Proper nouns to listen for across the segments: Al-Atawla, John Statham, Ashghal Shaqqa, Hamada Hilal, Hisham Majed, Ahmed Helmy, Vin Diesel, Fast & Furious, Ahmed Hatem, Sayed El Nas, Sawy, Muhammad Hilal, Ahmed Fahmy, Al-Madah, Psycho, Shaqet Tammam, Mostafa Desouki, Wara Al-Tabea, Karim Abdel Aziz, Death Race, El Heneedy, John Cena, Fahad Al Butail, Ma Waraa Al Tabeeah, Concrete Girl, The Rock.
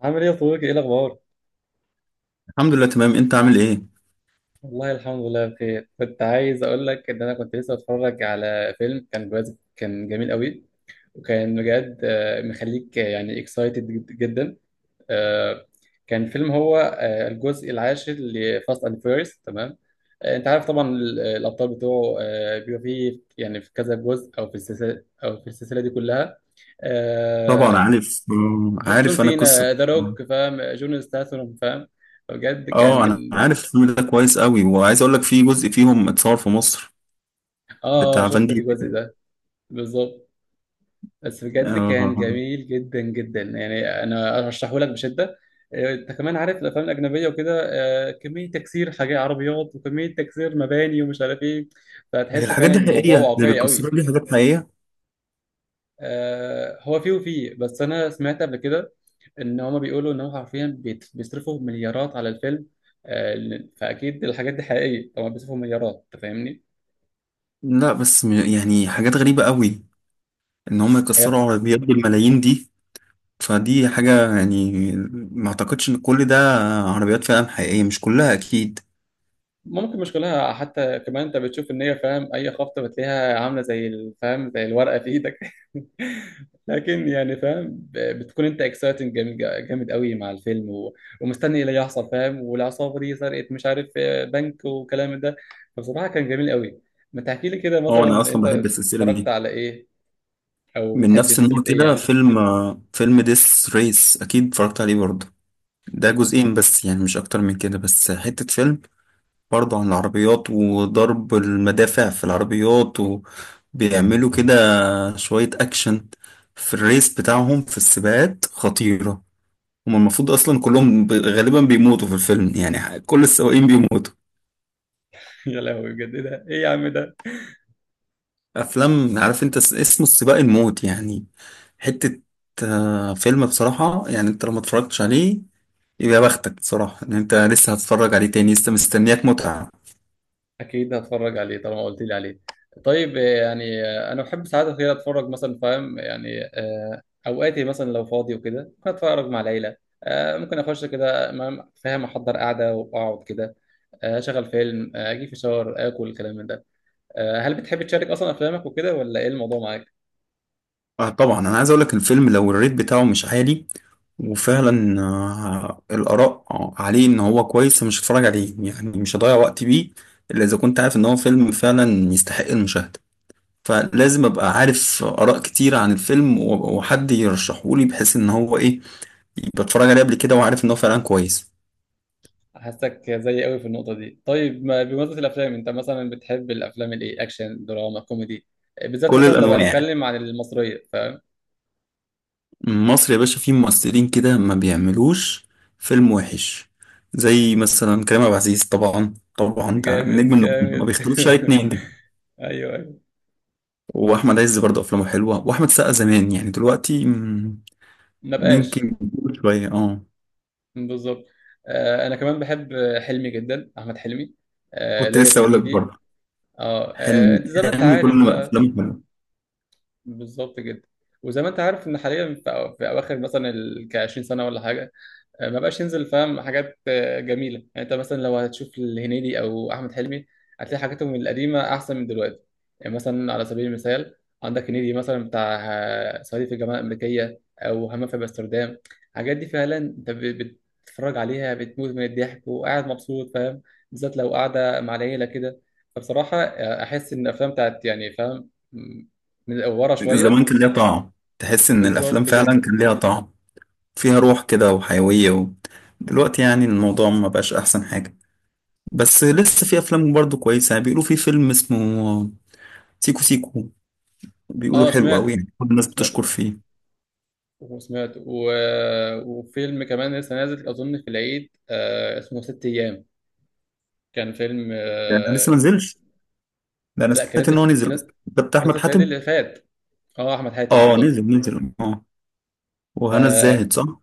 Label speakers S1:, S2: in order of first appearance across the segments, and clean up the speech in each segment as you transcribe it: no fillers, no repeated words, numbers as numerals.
S1: عامل ايه يا صديقي؟ ايه الاخبار؟
S2: الحمد لله تمام. انت عامل ايه؟
S1: والله الحمد لله بخير. كنت عايز اقول لك ان انا كنت لسه بتفرج على فيلم كان بجد كان جميل قوي. وكان بجد مخليك يعني اكسايتد جدا. آه، كان فيلم هو، الجزء العاشر لفاست اند فيرست. تمام. انت عارف طبعا الابطال بتوعه بيبقى فيه، يعني في كذا جزء، او في السلسله، او في السلسله دي كلها.
S2: طبعا
S1: آه،
S2: عارف،
S1: جون
S2: عارف انا القصه.
S1: سينا، ذا روك، فاهم؟ جون ستاثام، فاهم؟ بجد
S2: اه، انا
S1: كان.
S2: عارف الفيلم ده كويس قوي، وعايز اقول لك في جزء فيهم اتصور في مصر،
S1: اه،
S2: بتاع فان
S1: شفت الجزء
S2: ديزل
S1: ده. بالظبط. بس بجد كان
S2: آه.
S1: جميل جدا جدا، يعني انا ارشحه لك بشده. انت كمان عارف الافلام الاجنبيه وكده، كميه تكسير حاجات عربيات، وكميه تكسير مباني ومش عارف ايه،
S2: هي
S1: فهتحس
S2: الحاجات
S1: فعلا
S2: دي
S1: ان الموضوع
S2: حقيقيه؟ اللي
S1: واقعي
S2: بيكسروا
S1: قوي.
S2: دي حاجات حقيقيه؟
S1: هو فيه وفيه، بس انا سمعت قبل كده ان هما بيقولوا ان هو حرفيا بيصرفوا مليارات على الفيلم. فاكيد الحاجات دي حقيقيه، طبعا بيصرفوا مليارات، انت فاهمني.
S2: لا، بس يعني حاجات غريبه قوي، ان هم يكسروا عربيات بالملايين دي. فدي حاجه يعني، ما اعتقدش ان كل ده عربيات فعلا حقيقيه، مش كلها اكيد.
S1: ممكن مش كلها، حتى كمان انت بتشوف ان هي، فاهم، اي خبطه بتلاقيها عامله زي الفهم، زي الورقه في ايدك. لكن يعني فاهم، بتكون انت اكسايتنج جامد، جامد قوي، مع الفيلم ومستني ايه اللي هيحصل، فاهم؟ والعصابه دي سرقت مش عارف بنك وكلام ده. فبصراحه كان جميل قوي. ما تحكي لي كده
S2: اه، انا
S1: مثلا
S2: اصلا
S1: انت،
S2: بحب السلسله
S1: اتفرجت
S2: دي،
S1: على ايه؟ او
S2: من
S1: بتحب
S2: نفس النوع
S1: سلسله ايه
S2: كده.
S1: يعني؟
S2: فيلم ديس ريس اكيد اتفرجت عليه برضه. ده جزئين بس يعني، مش اكتر من كده. بس حتة فيلم برضه عن العربيات وضرب المدافع في العربيات، وبيعملوا كده شوية اكشن في الريس بتاعهم، في السباقات خطيرة. هما المفروض اصلا كلهم غالبا بيموتوا في الفيلم، يعني كل السواقين بيموتوا.
S1: يا لهوي بجد، ايه ده؟ ايه يا عم ده؟
S2: افلام، عارف انت، اسمه السباق الموت يعني. حتة فيلم بصراحة، يعني انت لو ما اتفرجتش عليه، يا بختك بصراحة ان انت لسه هتتفرج عليه تاني، لسه مستنياك متعة.
S1: اكيد هتفرج عليه طالما قلت لي عليه. طيب، انا بحب ساعات كده اتفرج مثلا، فاهم، يعني، اوقاتي مثلا لو فاضي وكده ممكن اتفرج مع العيله. ممكن اخش كده، فاهم، احضر قعده واقعد كده، اشغل فيلم، اجي في شاور، اكل الكلام من ده. هل بتحب تشارك اصلا افلامك وكده؟ ولا ايه الموضوع معاك؟
S2: طبعا انا عايز اقولك الفيلم، لو الريت بتاعه مش عالي، وفعلا الاراء عليه ان هو كويس، مش هتفرج عليه يعني، مش هضيع وقتي بيه. الا اذا كنت عارف ان هو فيلم فعلا يستحق المشاهدة، فلازم ابقى عارف اراء كتير عن الفيلم، وحد يرشحه لي، بحيث ان هو ايه، يبقى اتفرج عليه قبل كده وعارف ان هو فعلا كويس.
S1: حاسك زي قوي في النقطه دي. طيب، ما بمناسبه الافلام، انت مثلا بتحب الافلام الايه؟ اكشن، دراما، كوميدي؟ بالذات
S2: كل
S1: مثلا لو
S2: الانواع.
S1: هنتكلم عن المصريه، فاهم.
S2: مصر يا باشا فيه ممثلين كده ما بيعملوش فيلم وحش، زي مثلا كريم عبد العزيز. طبعا طبعا، ده نجم
S1: جامد
S2: النجوم، ما
S1: جامد.
S2: بيختلفش عليه اتنين ده.
S1: ايوه ايوه.
S2: واحمد عز برضه افلامه حلوه، واحمد سقا زمان يعني، دلوقتي
S1: ما بقاش.
S2: يمكن شويه، اه.
S1: بالظبط. آه انا كمان بحب حلمي جدا، احمد حلمي. آه
S2: كنت
S1: ليا
S2: لسه
S1: في
S2: اقول لك
S1: هنيدي.
S2: برضه،
S1: اه،
S2: حلمي،
S1: انت زي ما انت
S2: حلمي كل
S1: عارف
S2: ما
S1: بقى.
S2: افلامه حلوه.
S1: بالظبط جدا. وزي ما انت عارف ان حاليا في، في اواخر مثلا ال 20 سنه ولا حاجه، ما بقاش ينزل فاهم حاجات جميله. يعني انت مثلا لو هتشوف الهنيدي او احمد حلمي، هتلاقي حاجاتهم القديمه احسن من دلوقتي. يعني مثلا على سبيل المثال، عندك هنيدي مثلا بتاع صعيدي في الجامعه الامريكيه، او همام في امستردام. الحاجات دي فعلا انت بتتفرج عليها بتموت من الضحك، وقاعد مبسوط، فاهم، بالذات لو قاعده مع العيله كده. فبصراحه، احس ان الافلام بتاعت، يعني فاهم، من ورا
S2: زمان
S1: شويه.
S2: كان ليها طعم، تحس ان الافلام
S1: بالظبط
S2: فعلا
S1: جدا.
S2: كان ليها طعم، فيها روح كده وحيويه و. دلوقتي يعني الموضوع ما بقاش احسن حاجه، بس لسه في افلام برضو كويسه. يعني بيقولوا في فيلم اسمه سيكو سيكو، بيقولوا
S1: اه
S2: حلو قوي
S1: سمعته،
S2: يعني، كل الناس
S1: سمعت،
S2: بتشكر فيه.
S1: وسمعته و... وفيلم كمان لسه نازل أظن في العيد، آه اسمه ست أيام. كان فيلم
S2: يعني أنا لسه ما
S1: آه...
S2: نزلش. ده انا
S1: لا كان
S2: سمعت
S1: نازل
S2: ان هو
S1: في...
S2: نزل
S1: كان
S2: أصلاً، ده بتاع احمد
S1: نازل في العيد
S2: حاتم.
S1: اللي فات. اه، أحمد حاتم
S2: اه،
S1: بالظبط.
S2: نزل نزل، اه.
S1: ف...
S2: وهنا
S1: اه،
S2: الزاهد صح؟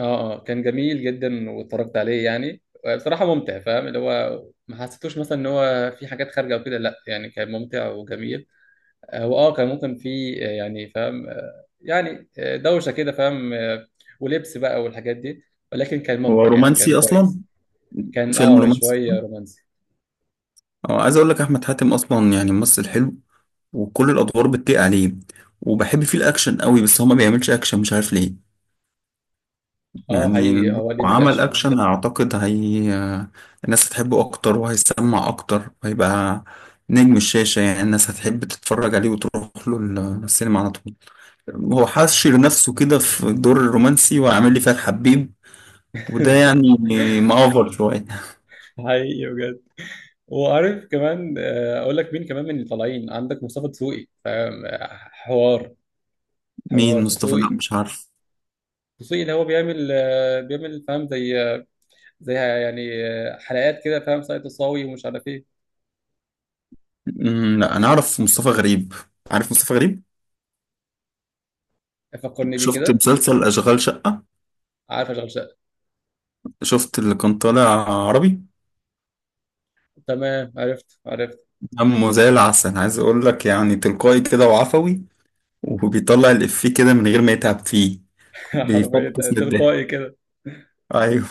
S1: اه كان جميل جدا واتفرجت عليه يعني. بصراحة ممتع، فاهم، اللي هو ما حسيتوش مثلا ان هو في حاجات خارجة وكده، لا يعني كان ممتع وجميل. هو اه كان ممكن في آه، يعني فاهم آه، يعني آه، دوشة كده، فاهم، ولبس بقى والحاجات دي، ولكن كان
S2: هو
S1: ممتع يعني كان
S2: رومانسي اصلا،
S1: كويس. كان
S2: فيلم
S1: اه
S2: رومانسي.
S1: شوية رومانسي.
S2: اه، عايز اقول لك احمد حاتم اصلا يعني ممثل حلو، وكل الادوار بتليق عليه. وبحب فيه الاكشن قوي، بس هو ما بيعملش اكشن، مش عارف ليه.
S1: اه
S2: يعني
S1: حقيقي،
S2: لو
S1: هو ليه في
S2: عمل
S1: الأكشن؟
S2: اكشن اعتقد هي الناس هتحبه اكتر وهيسمع اكتر وهيبقى نجم الشاشة، يعني الناس هتحب تتفرج عليه وتروح له السينما على طول. هو حاشر نفسه كده في الدور الرومانسي وعامل لي فيها الحبيب، وده يعني مأفر شوية.
S1: حقيقي بجد. وعارف كمان، أقول لك مين كمان من اللي طالعين عندك؟ مصطفى دسوقي، فاهم، حوار
S2: مين مصطفى؟ لا
S1: دسوقي.
S2: مش عارف.
S1: دسوقي اللي هو بيعمل بيعمل، فاهم، زي زي يعني حلقات كده، فاهم، سايت الصاوي ومش عارف ايه.
S2: لا، انا اعرف مصطفى غريب، عارف مصطفى غريب.
S1: فكرني بيه
S2: شفت
S1: كده.
S2: مسلسل اشغال شقة؟
S1: عارف اشغل شقه.
S2: شفت اللي كان طالع عربي؟
S1: تمام، عرفت عرفت.
S2: دمه زي العسل، عايز اقول لك يعني تلقائي كده وعفوي، وبيطلع الإفيه كده من غير ما يتعب فيه.
S1: حرفيا.
S2: بيفطس من
S1: تلقائي
S2: الضحك.
S1: كده.
S2: أيوه.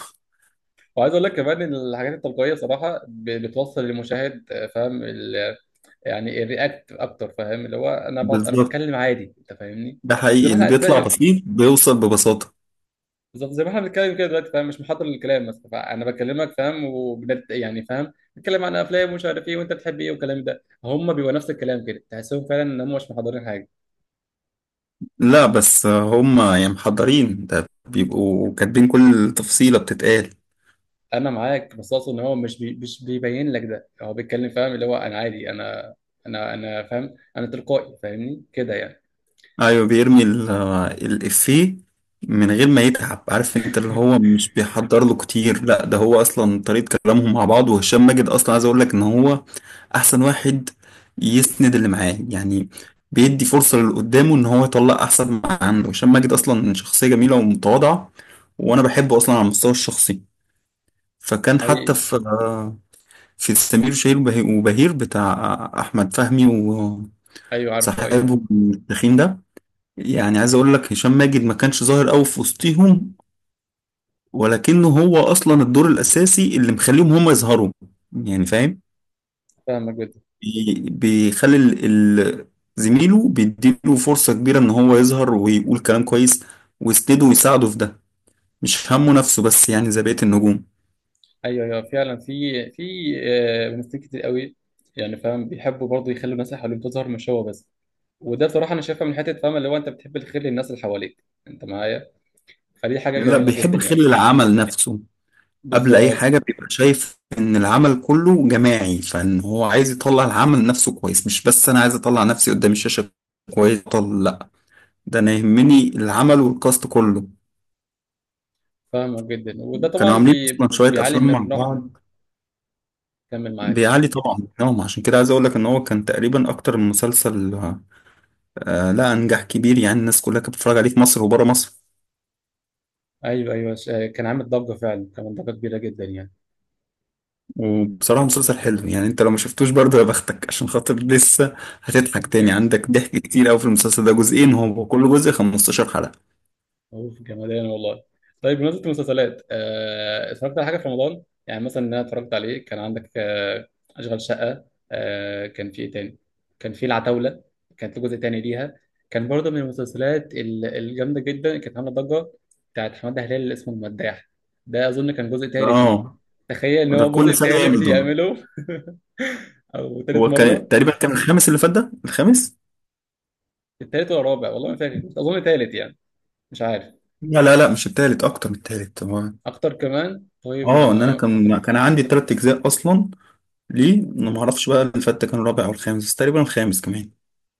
S1: وعايز اقول لك كمان ان الحاجات التلقائيه صراحه بتوصل للمشاهد، فاهم، يعني الرياكت اكتر، فاهم، اللي هو انا
S2: بالظبط،
S1: بتكلم عادي، انت فاهمني.
S2: ده
S1: زي
S2: حقيقي،
S1: ما
S2: اللي
S1: احنا
S2: بيطلع
S1: زي
S2: بسيط بيوصل ببساطة.
S1: بالظبط، زي ما احنا بنتكلم كده دلوقتي، فاهم، مش محضر للكلام مثلا. فانا بكلمك فاهم، وبنت... يعني فاهم، بنتكلم عن افلام ومش عارف ايه، وانت بتحب ايه والكلام ده. هم بيبقوا نفس الكلام كده، تحسهم فعلا ان هم مش محضرين حاجه.
S2: لا بس هم يعني محضرين، ده بيبقوا كاتبين كل تفصيلة بتتقال.
S1: انا معاك، بس اقصد ان هو مش بي... مش بيبين لك، ده هو بيتكلم فاهم، اللي هو انا عادي، انا فاهم، انا تلقائي، فاهمني كده يعني.
S2: ايوه، بيرمي الافيه من غير ما يتعب، عارف انت اللي هو مش بيحضر له كتير. لا، ده هو اصلا طريقة كلامهم مع بعض، وهشام ماجد اصلا عايز اقول لك ان هو احسن واحد يسند اللي معاه يعني، بيدي فرصة للي قدامه ان هو يطلع احسن ما عنده. هشام ماجد اصلا شخصية جميلة ومتواضعة، وانا بحبه اصلا على المستوى الشخصي. فكان حتى
S1: حقيقي.
S2: في سمير وشهير وبهير بتاع احمد فهمي،
S1: ايوه، عارفه ايوه.
S2: وصاحبه التخين ده. يعني عايز اقول لك هشام ماجد ما كانش ظاهر قوي في وسطيهم، ولكنه هو اصلا الدور الاساسي اللي مخليهم هم يظهروا يعني فاهم.
S1: فاهمك جدا.
S2: بيخلي ال- زميله بيديله فرصة كبيرة ان هو يظهر ويقول كلام كويس، ويسنده ويساعده في ده، مش همه نفسه بس يعني زي بقية النجوم.
S1: ايوه ايوه فعلا، في ممثلين كتير قوي، يعني فاهم بيحبوا برضه يخلوا الناس اللي حواليهم تظهر مش هو بس. وده بصراحه انا شايفها من حته، فاهم، اللي هو انت بتحب الخير للناس اللي حواليك، انت معايا؟ فدي حاجه
S2: لا،
S1: جميله جدا
S2: بيحب خير
S1: يعني.
S2: العمل نفسه، قبل اي
S1: بالظبط.
S2: حاجة بيبقى شايف ان العمل كله جماعي، فان هو عايز يطلع العمل نفسه كويس، مش بس انا عايز اطلع نفسي قدام الشاشة كويس. لا، ده انا يهمني العمل والكاست كله.
S1: فاهمك جدا. وده
S2: كانوا
S1: طبعا
S2: عاملين
S1: بي
S2: اصلا شويه
S1: بيعلي
S2: افلام مع
S1: من روحنا.
S2: بعض،
S1: كمل معاك.
S2: بيعلي طبعا مستواهم. عشان كده عايز اقول لك ان هو كان تقريبا اكتر من مسلسل، لا انجح كبير يعني، الناس كلها كانت بتتفرج عليه في مصر وبره مصر.
S1: ايوه ايوه، كان عامل ضجه فعلا، كان ضجه كبيره جدا يعني.
S2: وبصراحه مسلسل حلو يعني، انت لو ما شفتوش برضه يا بختك، عشان خاطر لسه هتضحك تاني. عندك ضحك كتير قوي في المسلسل ده. جزئين، هو كل جزء 15 حلقه.
S1: اوف جمدان والله. طيب بمناسبة المسلسلات، اتفرجت على حاجة في رمضان؟ يعني مثلا إن انا اتفرجت عليه كان عندك اشغال شقة. كان في ايه تاني؟ كان في العتاولة، كانت جزء تاني ليها، كان برضه من المسلسلات الجامدة جدا، كانت عاملة ضجة. بتاعت حمادة هلال اللي اسمه المداح، ده اظن كان جزء تالت ليه.
S2: اه،
S1: تخيل ان
S2: وده
S1: هو جزء
S2: كل سنه
S1: تالت
S2: يعمل كده.
S1: يعمله. او تالت
S2: هو كان
S1: مرة.
S2: تقريبا كان الخامس اللي فات، ده الخامس.
S1: التالت ولا الرابع؟ والله ما فاكر، اظن تالت يعني. مش عارف.
S2: لا لا لا، مش التالت، اكتر من التالت هو.
S1: اكتر كمان. طيب،
S2: اه، ان انا كان
S1: كنت
S2: كان عندي 3 اجزاء اصلا. ليه انا ما اعرفش بقى الفتة كان الرابع او الخامس، بس تقريبا الخامس كمان.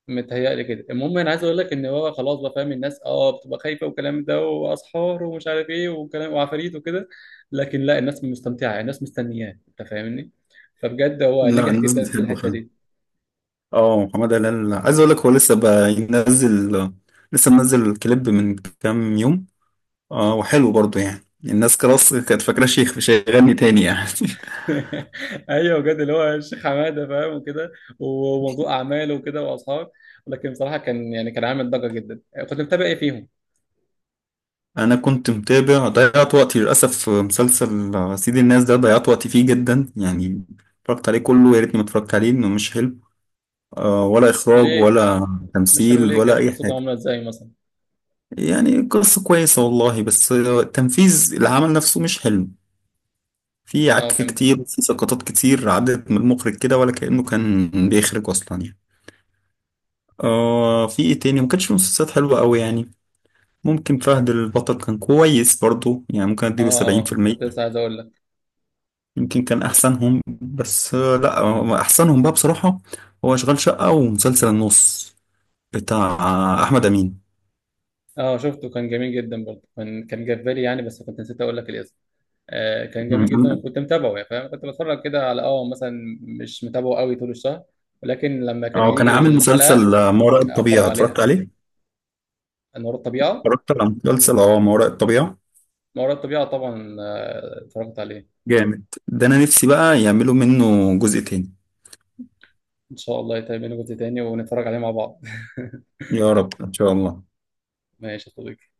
S1: متهيألي كده. المهم انا عايز اقول لك ان هو خلاص بقى، فاهم، الناس اه بتبقى خايفه، والكلام ده، واسحار ومش عارف ايه، وكلام وعفاريت وكده. لكن لا، الناس مستمتعه، الناس مستنياه، انت فاهمني. فبجد هو
S2: لا،
S1: نجح
S2: الناس
S1: جدا في
S2: بتحبه
S1: الحته
S2: فعلا.
S1: دي.
S2: اه، محمد هلال عايز اقول لك هو لسه بقى ينزل، لسه منزل كليب من كام يوم. اه، وحلو برضه يعني، الناس خلاص كانت فاكرة شيخ مش هيغني تاني يعني.
S1: ايوه بجد، اللي هو الشيخ حماده، فاهم وكده، وموضوع اعماله وكده واصحاب. لكن بصراحه كان يعني كان عامل ضجه جدا. كنت متابع ايه فيهم؟
S2: انا كنت متابع، ضيعت وقتي للاسف في مسلسل سيد الناس، ده ضيعت وقتي فيه جدا يعني. اتفرجت عليه كله، يا ريتني ما اتفرجت عليه، انه مش حلو، ولا اخراج
S1: ليه؟
S2: ولا
S1: مش
S2: تمثيل
S1: حلو ليه؟
S2: ولا
S1: كانت
S2: اي
S1: قصته
S2: حاجه.
S1: عامله ازاي مثلا؟
S2: يعني قصة كويسة والله، بس تنفيذ العمل نفسه مش حلو. في عك
S1: اه فهمت.
S2: كتير، في سقطات كتير عدت من المخرج كده، ولا كأنه كان بيخرج أصلا يعني. في إيه تاني، ما كانش في مسلسلات حلوة أوي يعني. ممكن فهد البطل كان كويس برضو يعني، ممكن أديله
S1: اه،
S2: سبعين في
S1: اه كنت لسه
S2: المية
S1: عايز اقول لك.
S2: يمكن كان أحسنهم، بس لأ، أحسنهم بقى بصراحة هو أشغال شقة ومسلسل النص بتاع أحمد أمين.
S1: اه شفته كان جميل جدا برضه، كان كان جاب بالي يعني، بس كنت نسيت اقول لك الاسم. آه كان جميل جدا،
S2: مم.
S1: وكنت متابعه يعني، فاهم كنت بتفرج كده على اه مثلا. مش متابعه قوي طول الشهر، ولكن لما كان
S2: اه، كان
S1: يجي
S2: عامل
S1: الحلقه
S2: مسلسل ما وراء
S1: اتفرج
S2: الطبيعة، اتفرجت
S1: عليها.
S2: عليه؟
S1: انا ورا الطبيعه،
S2: اتفرجت على مسلسل ما وراء الطبيعة.
S1: ما وراء الطبيعه، طبعا آه اتفرجت عليه.
S2: جامد، ده انا نفسي بقى يعملوا منه جزء تاني.
S1: ان شاء الله يتعمل منه جزء تاني ونتفرج عليه مع بعض.
S2: يا رب ان شاء الله.
S1: ماشي يا صديقي.